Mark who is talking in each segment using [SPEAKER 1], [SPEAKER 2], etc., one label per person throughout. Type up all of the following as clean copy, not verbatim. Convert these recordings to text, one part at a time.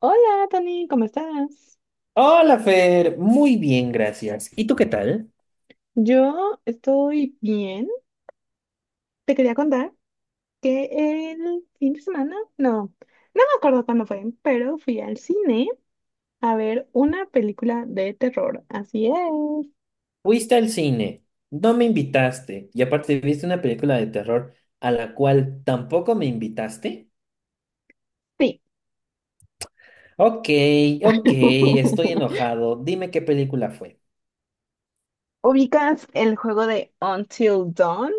[SPEAKER 1] Hola, Tony, ¿cómo estás?
[SPEAKER 2] Hola, Fer. Muy bien, gracias. ¿Y tú qué tal?
[SPEAKER 1] Yo estoy bien. Te quería contar que el fin de semana, no me acuerdo cuándo fue, pero fui al cine a ver una película de terror. Así es.
[SPEAKER 2] Fuiste al cine, no me invitaste y aparte viste una película de terror a la cual tampoco me invitaste.
[SPEAKER 1] Sí.
[SPEAKER 2] Ok, ok, estoy enojado. Dime qué película fue.
[SPEAKER 1] ¿Ubicas el juego de Until Dawn?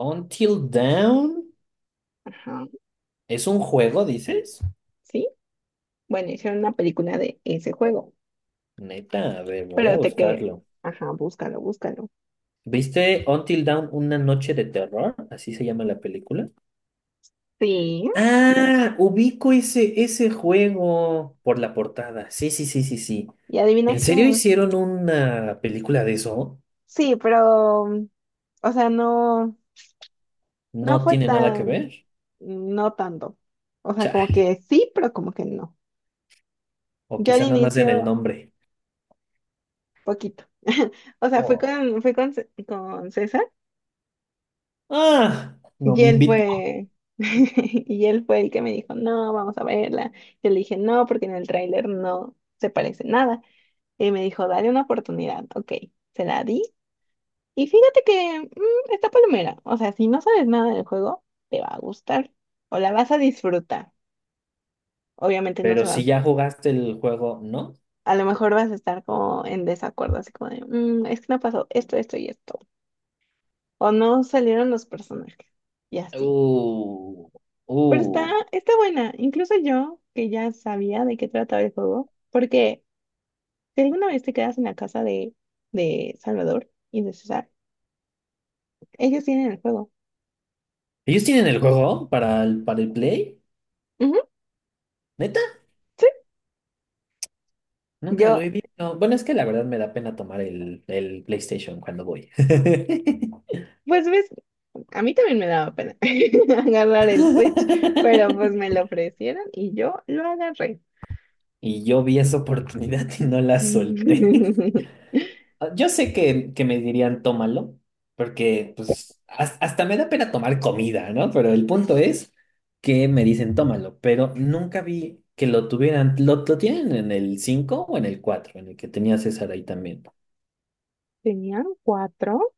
[SPEAKER 2] Until Dawn.
[SPEAKER 1] Ajá,
[SPEAKER 2] ¿Es un juego, dices?
[SPEAKER 1] sí. Bueno, hicieron una película de ese juego,
[SPEAKER 2] Neta, a ver, voy a
[SPEAKER 1] pero
[SPEAKER 2] buscarlo.
[SPEAKER 1] Ajá, búscalo, búscalo.
[SPEAKER 2] ¿Viste Until Dawn, una noche de terror? Así se llama la película.
[SPEAKER 1] Sí,
[SPEAKER 2] Ah, ubico ese juego por la portada. Sí, sí, sí, sí, sí.
[SPEAKER 1] y
[SPEAKER 2] ¿En
[SPEAKER 1] adivina
[SPEAKER 2] serio
[SPEAKER 1] qué.
[SPEAKER 2] hicieron una película de eso?
[SPEAKER 1] Sí, pero... O sea, no. No
[SPEAKER 2] No
[SPEAKER 1] fue
[SPEAKER 2] tiene nada que
[SPEAKER 1] tan,
[SPEAKER 2] ver.
[SPEAKER 1] no tanto. O sea, como
[SPEAKER 2] Chale.
[SPEAKER 1] que sí, pero como que no.
[SPEAKER 2] O
[SPEAKER 1] Yo al
[SPEAKER 2] quizá nada más en el
[SPEAKER 1] inicio,
[SPEAKER 2] nombre.
[SPEAKER 1] poquito. O sea,
[SPEAKER 2] Oh.
[SPEAKER 1] con César
[SPEAKER 2] Ah, no
[SPEAKER 1] y
[SPEAKER 2] me
[SPEAKER 1] él
[SPEAKER 2] invitó.
[SPEAKER 1] fue, y él fue el que me dijo, no, vamos a verla. Yo le dije, no, porque en el tráiler no se parece nada. Y me dijo, dale una oportunidad. Ok, se la di. Y fíjate que está palomera. O sea, si no sabes nada del juego, te va a gustar o la vas a disfrutar. Obviamente no
[SPEAKER 2] Pero
[SPEAKER 1] se va
[SPEAKER 2] si ya jugaste el juego, ¿no?
[SPEAKER 1] a lo mejor vas a estar como en desacuerdo, así como de, "Mm, es que no pasó esto, esto y esto. O no salieron los personajes. Y así.
[SPEAKER 2] Uh,
[SPEAKER 1] Pero está,
[SPEAKER 2] uh.
[SPEAKER 1] está buena. Incluso yo, que ya sabía de qué trataba el juego, porque si alguna vez te quedas en la casa de Salvador y de César, ellos tienen el juego.
[SPEAKER 2] ¿Ellos tienen el juego para el Play?
[SPEAKER 1] Ujú,
[SPEAKER 2] ¿Neta?
[SPEAKER 1] sí.
[SPEAKER 2] Nunca lo
[SPEAKER 1] Yo,
[SPEAKER 2] he visto. Bueno, es que la verdad me da pena tomar el PlayStation cuando voy.
[SPEAKER 1] pues ves, a mí también me daba pena agarrar el Switch, pero pues me lo ofrecieron y yo lo agarré.
[SPEAKER 2] Y yo vi esa oportunidad y no la solté. Ah, yo sé que me dirían tómalo, porque pues hasta me da pena tomar comida, ¿no? Pero el punto es que me dicen tómalo, pero nunca vi que lo tuvieran, lo tienen en el 5 o en el 4 en el que tenía César ahí también.
[SPEAKER 1] Tenían cuatro.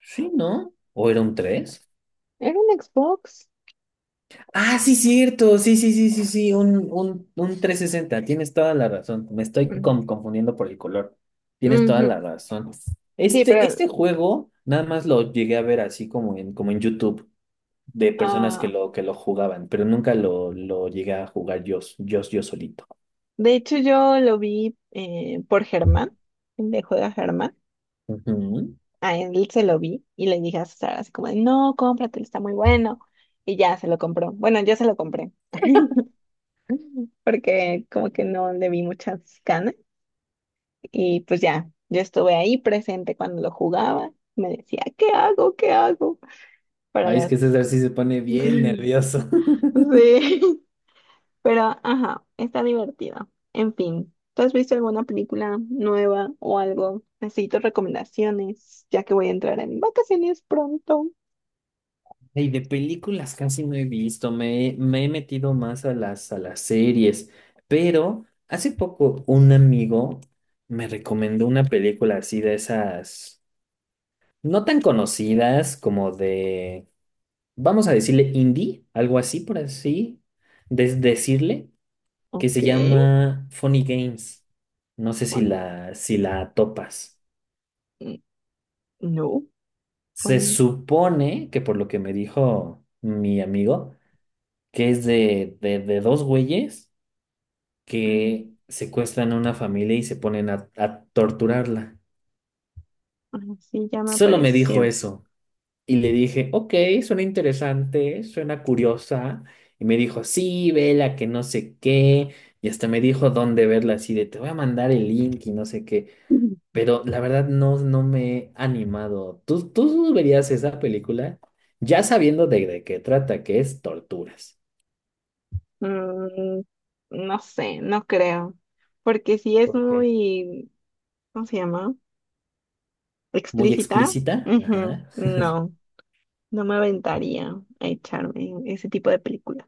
[SPEAKER 2] Sí, ¿no? ¿O era un tres?
[SPEAKER 1] ¿Era un Xbox?
[SPEAKER 2] Ah, sí, cierto, sí, sí, sí, sí, sí, un 360, tienes toda la razón, me estoy
[SPEAKER 1] Mm,
[SPEAKER 2] confundiendo por el color, tienes toda
[SPEAKER 1] ujú.
[SPEAKER 2] la razón.
[SPEAKER 1] Sí,
[SPEAKER 2] Este,
[SPEAKER 1] pero
[SPEAKER 2] este juego nada más lo llegué a ver así como como en YouTube. De personas que
[SPEAKER 1] ah,
[SPEAKER 2] que lo jugaban, pero nunca lo llegué a jugar yo solito.
[SPEAKER 1] de hecho yo lo vi por Germán, el de Juega Germán.
[SPEAKER 2] Ujú.
[SPEAKER 1] A él se lo vi y le dije a Sara así como, de, no, cómpratelo, está muy bueno. Y ya se lo compró. Bueno, yo se lo compré porque como que no le vi muchas ganas. Y pues ya, yo estuve ahí presente cuando lo jugaba. Me decía, ¿qué hago? ¿Qué hago? Para
[SPEAKER 2] Ay, es que
[SPEAKER 1] las...
[SPEAKER 2] César sí se pone bien nervioso.
[SPEAKER 1] Sí. Pero, ajá, está divertida. En fin, ¿tú has visto alguna película nueva o algo? Necesito recomendaciones, ya que voy a entrar en vacaciones pronto.
[SPEAKER 2] Y de películas casi no he visto, me he metido más a a las series, pero hace poco un amigo me recomendó una película así de esas, no tan conocidas como de, vamos a decirle indie, algo así por así, de decirle. Que
[SPEAKER 1] Ok,
[SPEAKER 2] se llama Funny Games. No sé si
[SPEAKER 1] funny.
[SPEAKER 2] si la topas.
[SPEAKER 1] mm, No,
[SPEAKER 2] Se
[SPEAKER 1] funny.
[SPEAKER 2] supone que por lo que me dijo mi amigo, que es de, de dos güeyes
[SPEAKER 1] Ah,
[SPEAKER 2] que secuestran a una familia y se ponen a torturarla.
[SPEAKER 1] ah, sí, ya me
[SPEAKER 2] Solo me dijo
[SPEAKER 1] apareció.
[SPEAKER 2] eso. Y le dije, ok, suena interesante, suena curiosa. Y me dijo, sí, vela, que no sé qué. Y hasta me dijo dónde verla, así de, te voy a mandar el link y no sé qué.
[SPEAKER 1] Mm,
[SPEAKER 2] Pero la verdad no, no me he animado. ¿Tú verías esa película ya sabiendo de qué trata, que es torturas?
[SPEAKER 1] Mm, no sé, no creo. Porque si es
[SPEAKER 2] Porque
[SPEAKER 1] muy, ¿cómo se llama?
[SPEAKER 2] muy
[SPEAKER 1] Explícita.
[SPEAKER 2] explícita.
[SPEAKER 1] Ujú,
[SPEAKER 2] Ajá.
[SPEAKER 1] no, no me aventaría a echarme ese tipo de películas.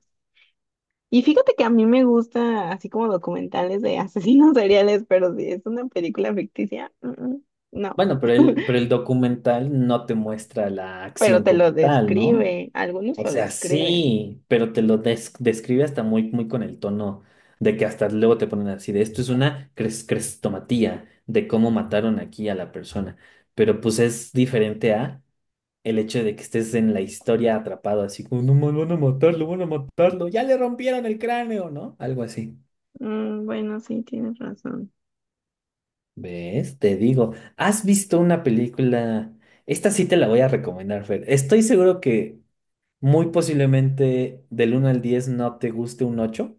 [SPEAKER 1] Y fíjate que a mí me gusta así como documentales de asesinos seriales, pero si es una película ficticia, no,
[SPEAKER 2] Bueno, pero el documental no te muestra la
[SPEAKER 1] pero
[SPEAKER 2] acción
[SPEAKER 1] te lo
[SPEAKER 2] como tal, ¿no?
[SPEAKER 1] describe, algunos
[SPEAKER 2] O
[SPEAKER 1] lo
[SPEAKER 2] sea,
[SPEAKER 1] describen.
[SPEAKER 2] sí, pero te lo describe hasta muy, muy con el tono de que hasta luego te ponen así de esto es una crestomatía de cómo mataron aquí a la persona. Pero pues es diferente a... el hecho de que estés en la historia atrapado, así como, no, van a matarlo, ya le rompieron el cráneo, ¿no? Algo así.
[SPEAKER 1] Mm, bueno, sí, tienes razón.
[SPEAKER 2] ¿Ves? Te digo, ¿has visto una película? Esta sí te la voy a recomendar, Fer. Estoy seguro que muy posiblemente del 1 al 10 no te guste un 8.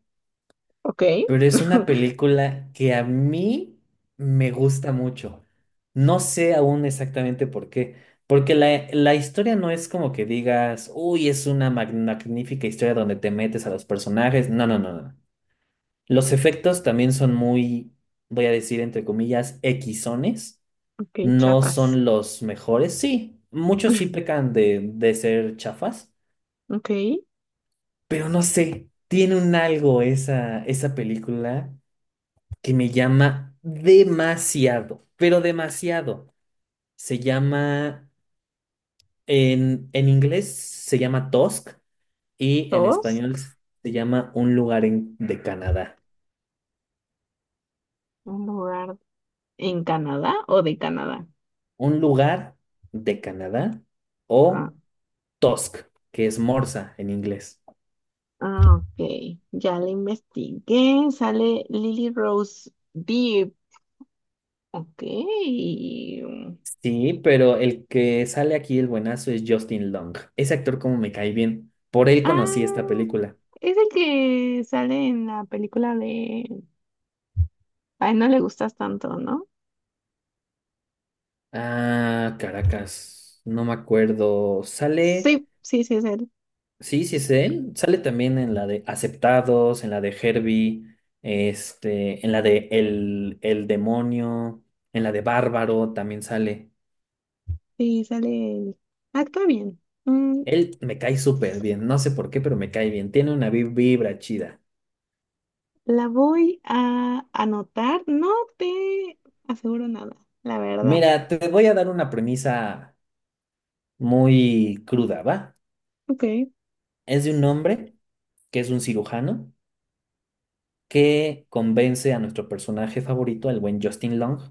[SPEAKER 1] Ok,
[SPEAKER 2] Pero es una película que a mí me gusta mucho. No sé aún exactamente por qué. Porque la historia no es como que digas, uy, es una magnífica historia donde te metes a los personajes. No, no, no, no. Los efectos también son muy, voy a decir entre comillas, equisones.
[SPEAKER 1] ok,
[SPEAKER 2] No
[SPEAKER 1] Chiapas.
[SPEAKER 2] son los mejores. Sí, muchos sí pecan de ser chafas.
[SPEAKER 1] Ok,
[SPEAKER 2] Pero no sé, tiene un algo esa película que me llama demasiado, pero demasiado. Se llama, en inglés se llama Tusk y en español
[SPEAKER 1] Tusk,
[SPEAKER 2] se llama Un lugar de Canadá.
[SPEAKER 1] un lugar en Canadá o de Canadá.
[SPEAKER 2] Un lugar de Canadá
[SPEAKER 1] Ah,
[SPEAKER 2] o Tusk, que es Morsa en inglés.
[SPEAKER 1] ah, ok, ya le investigué, sale Lily Rose Depp. Ok.
[SPEAKER 2] Sí, pero el que sale aquí el buenazo es Justin Long. Ese actor como me cae bien. Por él conocí esta
[SPEAKER 1] Ah,
[SPEAKER 2] película.
[SPEAKER 1] es el que sale en la película de... Ay, no le gustas tanto, ¿no?
[SPEAKER 2] Ah, Caracas. No me acuerdo. Sale.
[SPEAKER 1] Sí, sí, sí, es él.
[SPEAKER 2] Sí, sí es él. Sale también en la de Aceptados, en la de Herbie, este, en la de El Demonio, en la de Bárbaro también sale.
[SPEAKER 1] Sí, sale él. Actúa bien.
[SPEAKER 2] Él me cae súper bien, no sé por qué, pero me cae bien. Tiene una vibra chida.
[SPEAKER 1] La voy a anotar. No te aseguro nada, la verdad.
[SPEAKER 2] Mira, te voy a dar una premisa muy cruda, ¿va?
[SPEAKER 1] Ok.
[SPEAKER 2] Es de un hombre que es un cirujano que convence a nuestro personaje favorito, el buen Justin Long,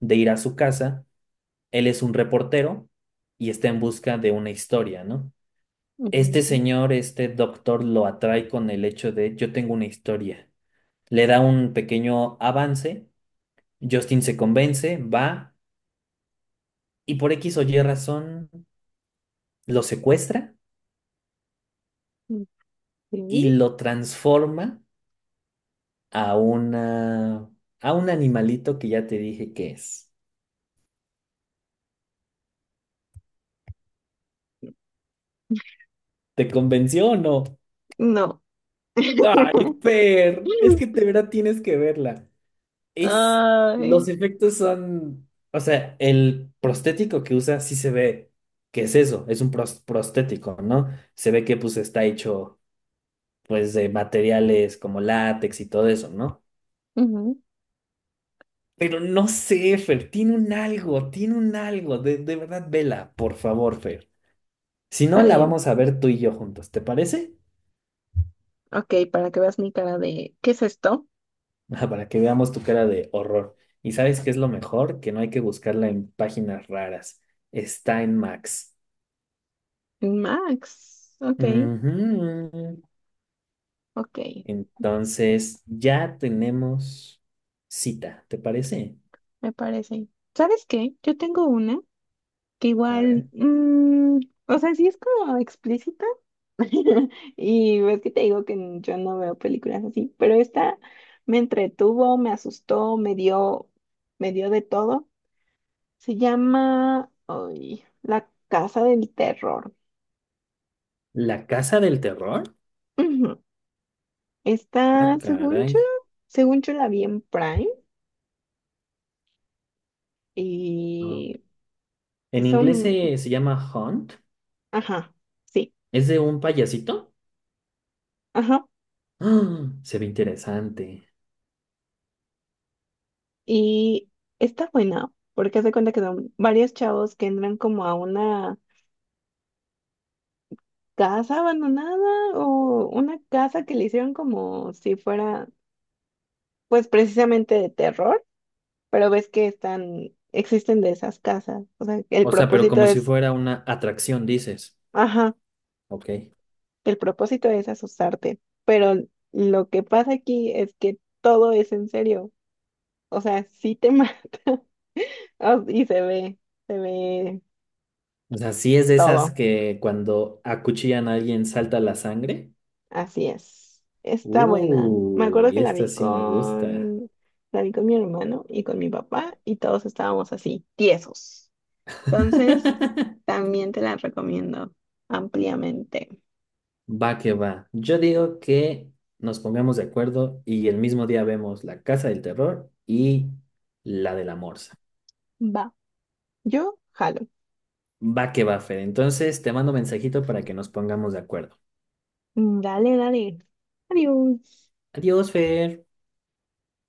[SPEAKER 2] de ir a su casa. Él es un reportero y está en busca de una historia, ¿no? Este señor, este doctor, lo atrae con el hecho de yo tengo una historia. Le da un pequeño avance, Justin se convence, va y por X o Y razón lo secuestra
[SPEAKER 1] Ujú.
[SPEAKER 2] y
[SPEAKER 1] ¿Sí?
[SPEAKER 2] lo transforma a una a un animalito que ya te dije que es. ¿Te convenció o no?
[SPEAKER 1] No.
[SPEAKER 2] Ay, Fer, es que de verdad tienes que verla. Es,
[SPEAKER 1] Ay.
[SPEAKER 2] los efectos son, o sea, el prostético que usa sí se ve que es eso, es un prostético, ¿no? Se ve que pues está hecho pues de materiales como látex y todo eso, ¿no?
[SPEAKER 1] Ujú,
[SPEAKER 2] Pero no sé, Fer, tiene un algo, de verdad, vela, por favor, Fer. Si no,
[SPEAKER 1] está
[SPEAKER 2] la vamos
[SPEAKER 1] bien.
[SPEAKER 2] a ver tú y yo juntos, ¿te parece?
[SPEAKER 1] Ok, para que veas mi cara de... ¿Qué es esto?
[SPEAKER 2] Ah, para que veamos tu cara de horror. ¿Y sabes qué es lo mejor? Que no hay que buscarla en páginas raras. Está en Max.
[SPEAKER 1] Max. Ok,
[SPEAKER 2] Ujú.
[SPEAKER 1] ok.
[SPEAKER 2] Entonces, ya tenemos cita, ¿te parece?
[SPEAKER 1] Me parece. ¿Sabes qué? Yo tengo una que
[SPEAKER 2] A
[SPEAKER 1] igual,
[SPEAKER 2] ver.
[SPEAKER 1] o sea, sí es como explícita. Y ves que te digo que n- yo no veo películas así, pero esta me entretuvo, me asustó, me dio de todo. Se llama, ay, La Casa del Terror.
[SPEAKER 2] La Casa del Terror.
[SPEAKER 1] Ujú.
[SPEAKER 2] Ah,
[SPEAKER 1] Está,
[SPEAKER 2] caray.
[SPEAKER 1] según yo la vi en Prime y
[SPEAKER 2] Ah. En inglés
[SPEAKER 1] son,
[SPEAKER 2] se llama Hunt.
[SPEAKER 1] ajá, sí.
[SPEAKER 2] ¿Es de un payasito?
[SPEAKER 1] Ajá.
[SPEAKER 2] Ah, se ve interesante.
[SPEAKER 1] Y está buena, porque hace cuenta que son varios chavos que entran como a una casa abandonada o una casa que le hicieron como si fuera, pues precisamente de terror, pero ves que están, existen de esas casas. O sea, el
[SPEAKER 2] O sea, pero
[SPEAKER 1] propósito
[SPEAKER 2] como si
[SPEAKER 1] es,
[SPEAKER 2] fuera una atracción, dices.
[SPEAKER 1] ajá,
[SPEAKER 2] Ok.
[SPEAKER 1] el propósito es asustarte, pero lo que pasa aquí es que todo es en serio. O sea, sí te mata y se ve
[SPEAKER 2] O sea, sí es de esas
[SPEAKER 1] todo.
[SPEAKER 2] que cuando acuchillan a alguien salta la sangre.
[SPEAKER 1] Así es. Está buena. Me acuerdo
[SPEAKER 2] Y
[SPEAKER 1] que
[SPEAKER 2] esta sí me gusta.
[SPEAKER 1] la vi con mi hermano y con mi papá y todos estábamos así, tiesos. Entonces, también te la recomiendo ampliamente.
[SPEAKER 2] Va que va. Yo digo que nos pongamos de acuerdo y el mismo día vemos La Casa del Terror y la de la Morsa.
[SPEAKER 1] Va. Yo jalo.
[SPEAKER 2] Va que va, Fer. Entonces te mando mensajito para que nos pongamos de acuerdo.
[SPEAKER 1] Dale, dale. Adiós.
[SPEAKER 2] Adiós, Fer.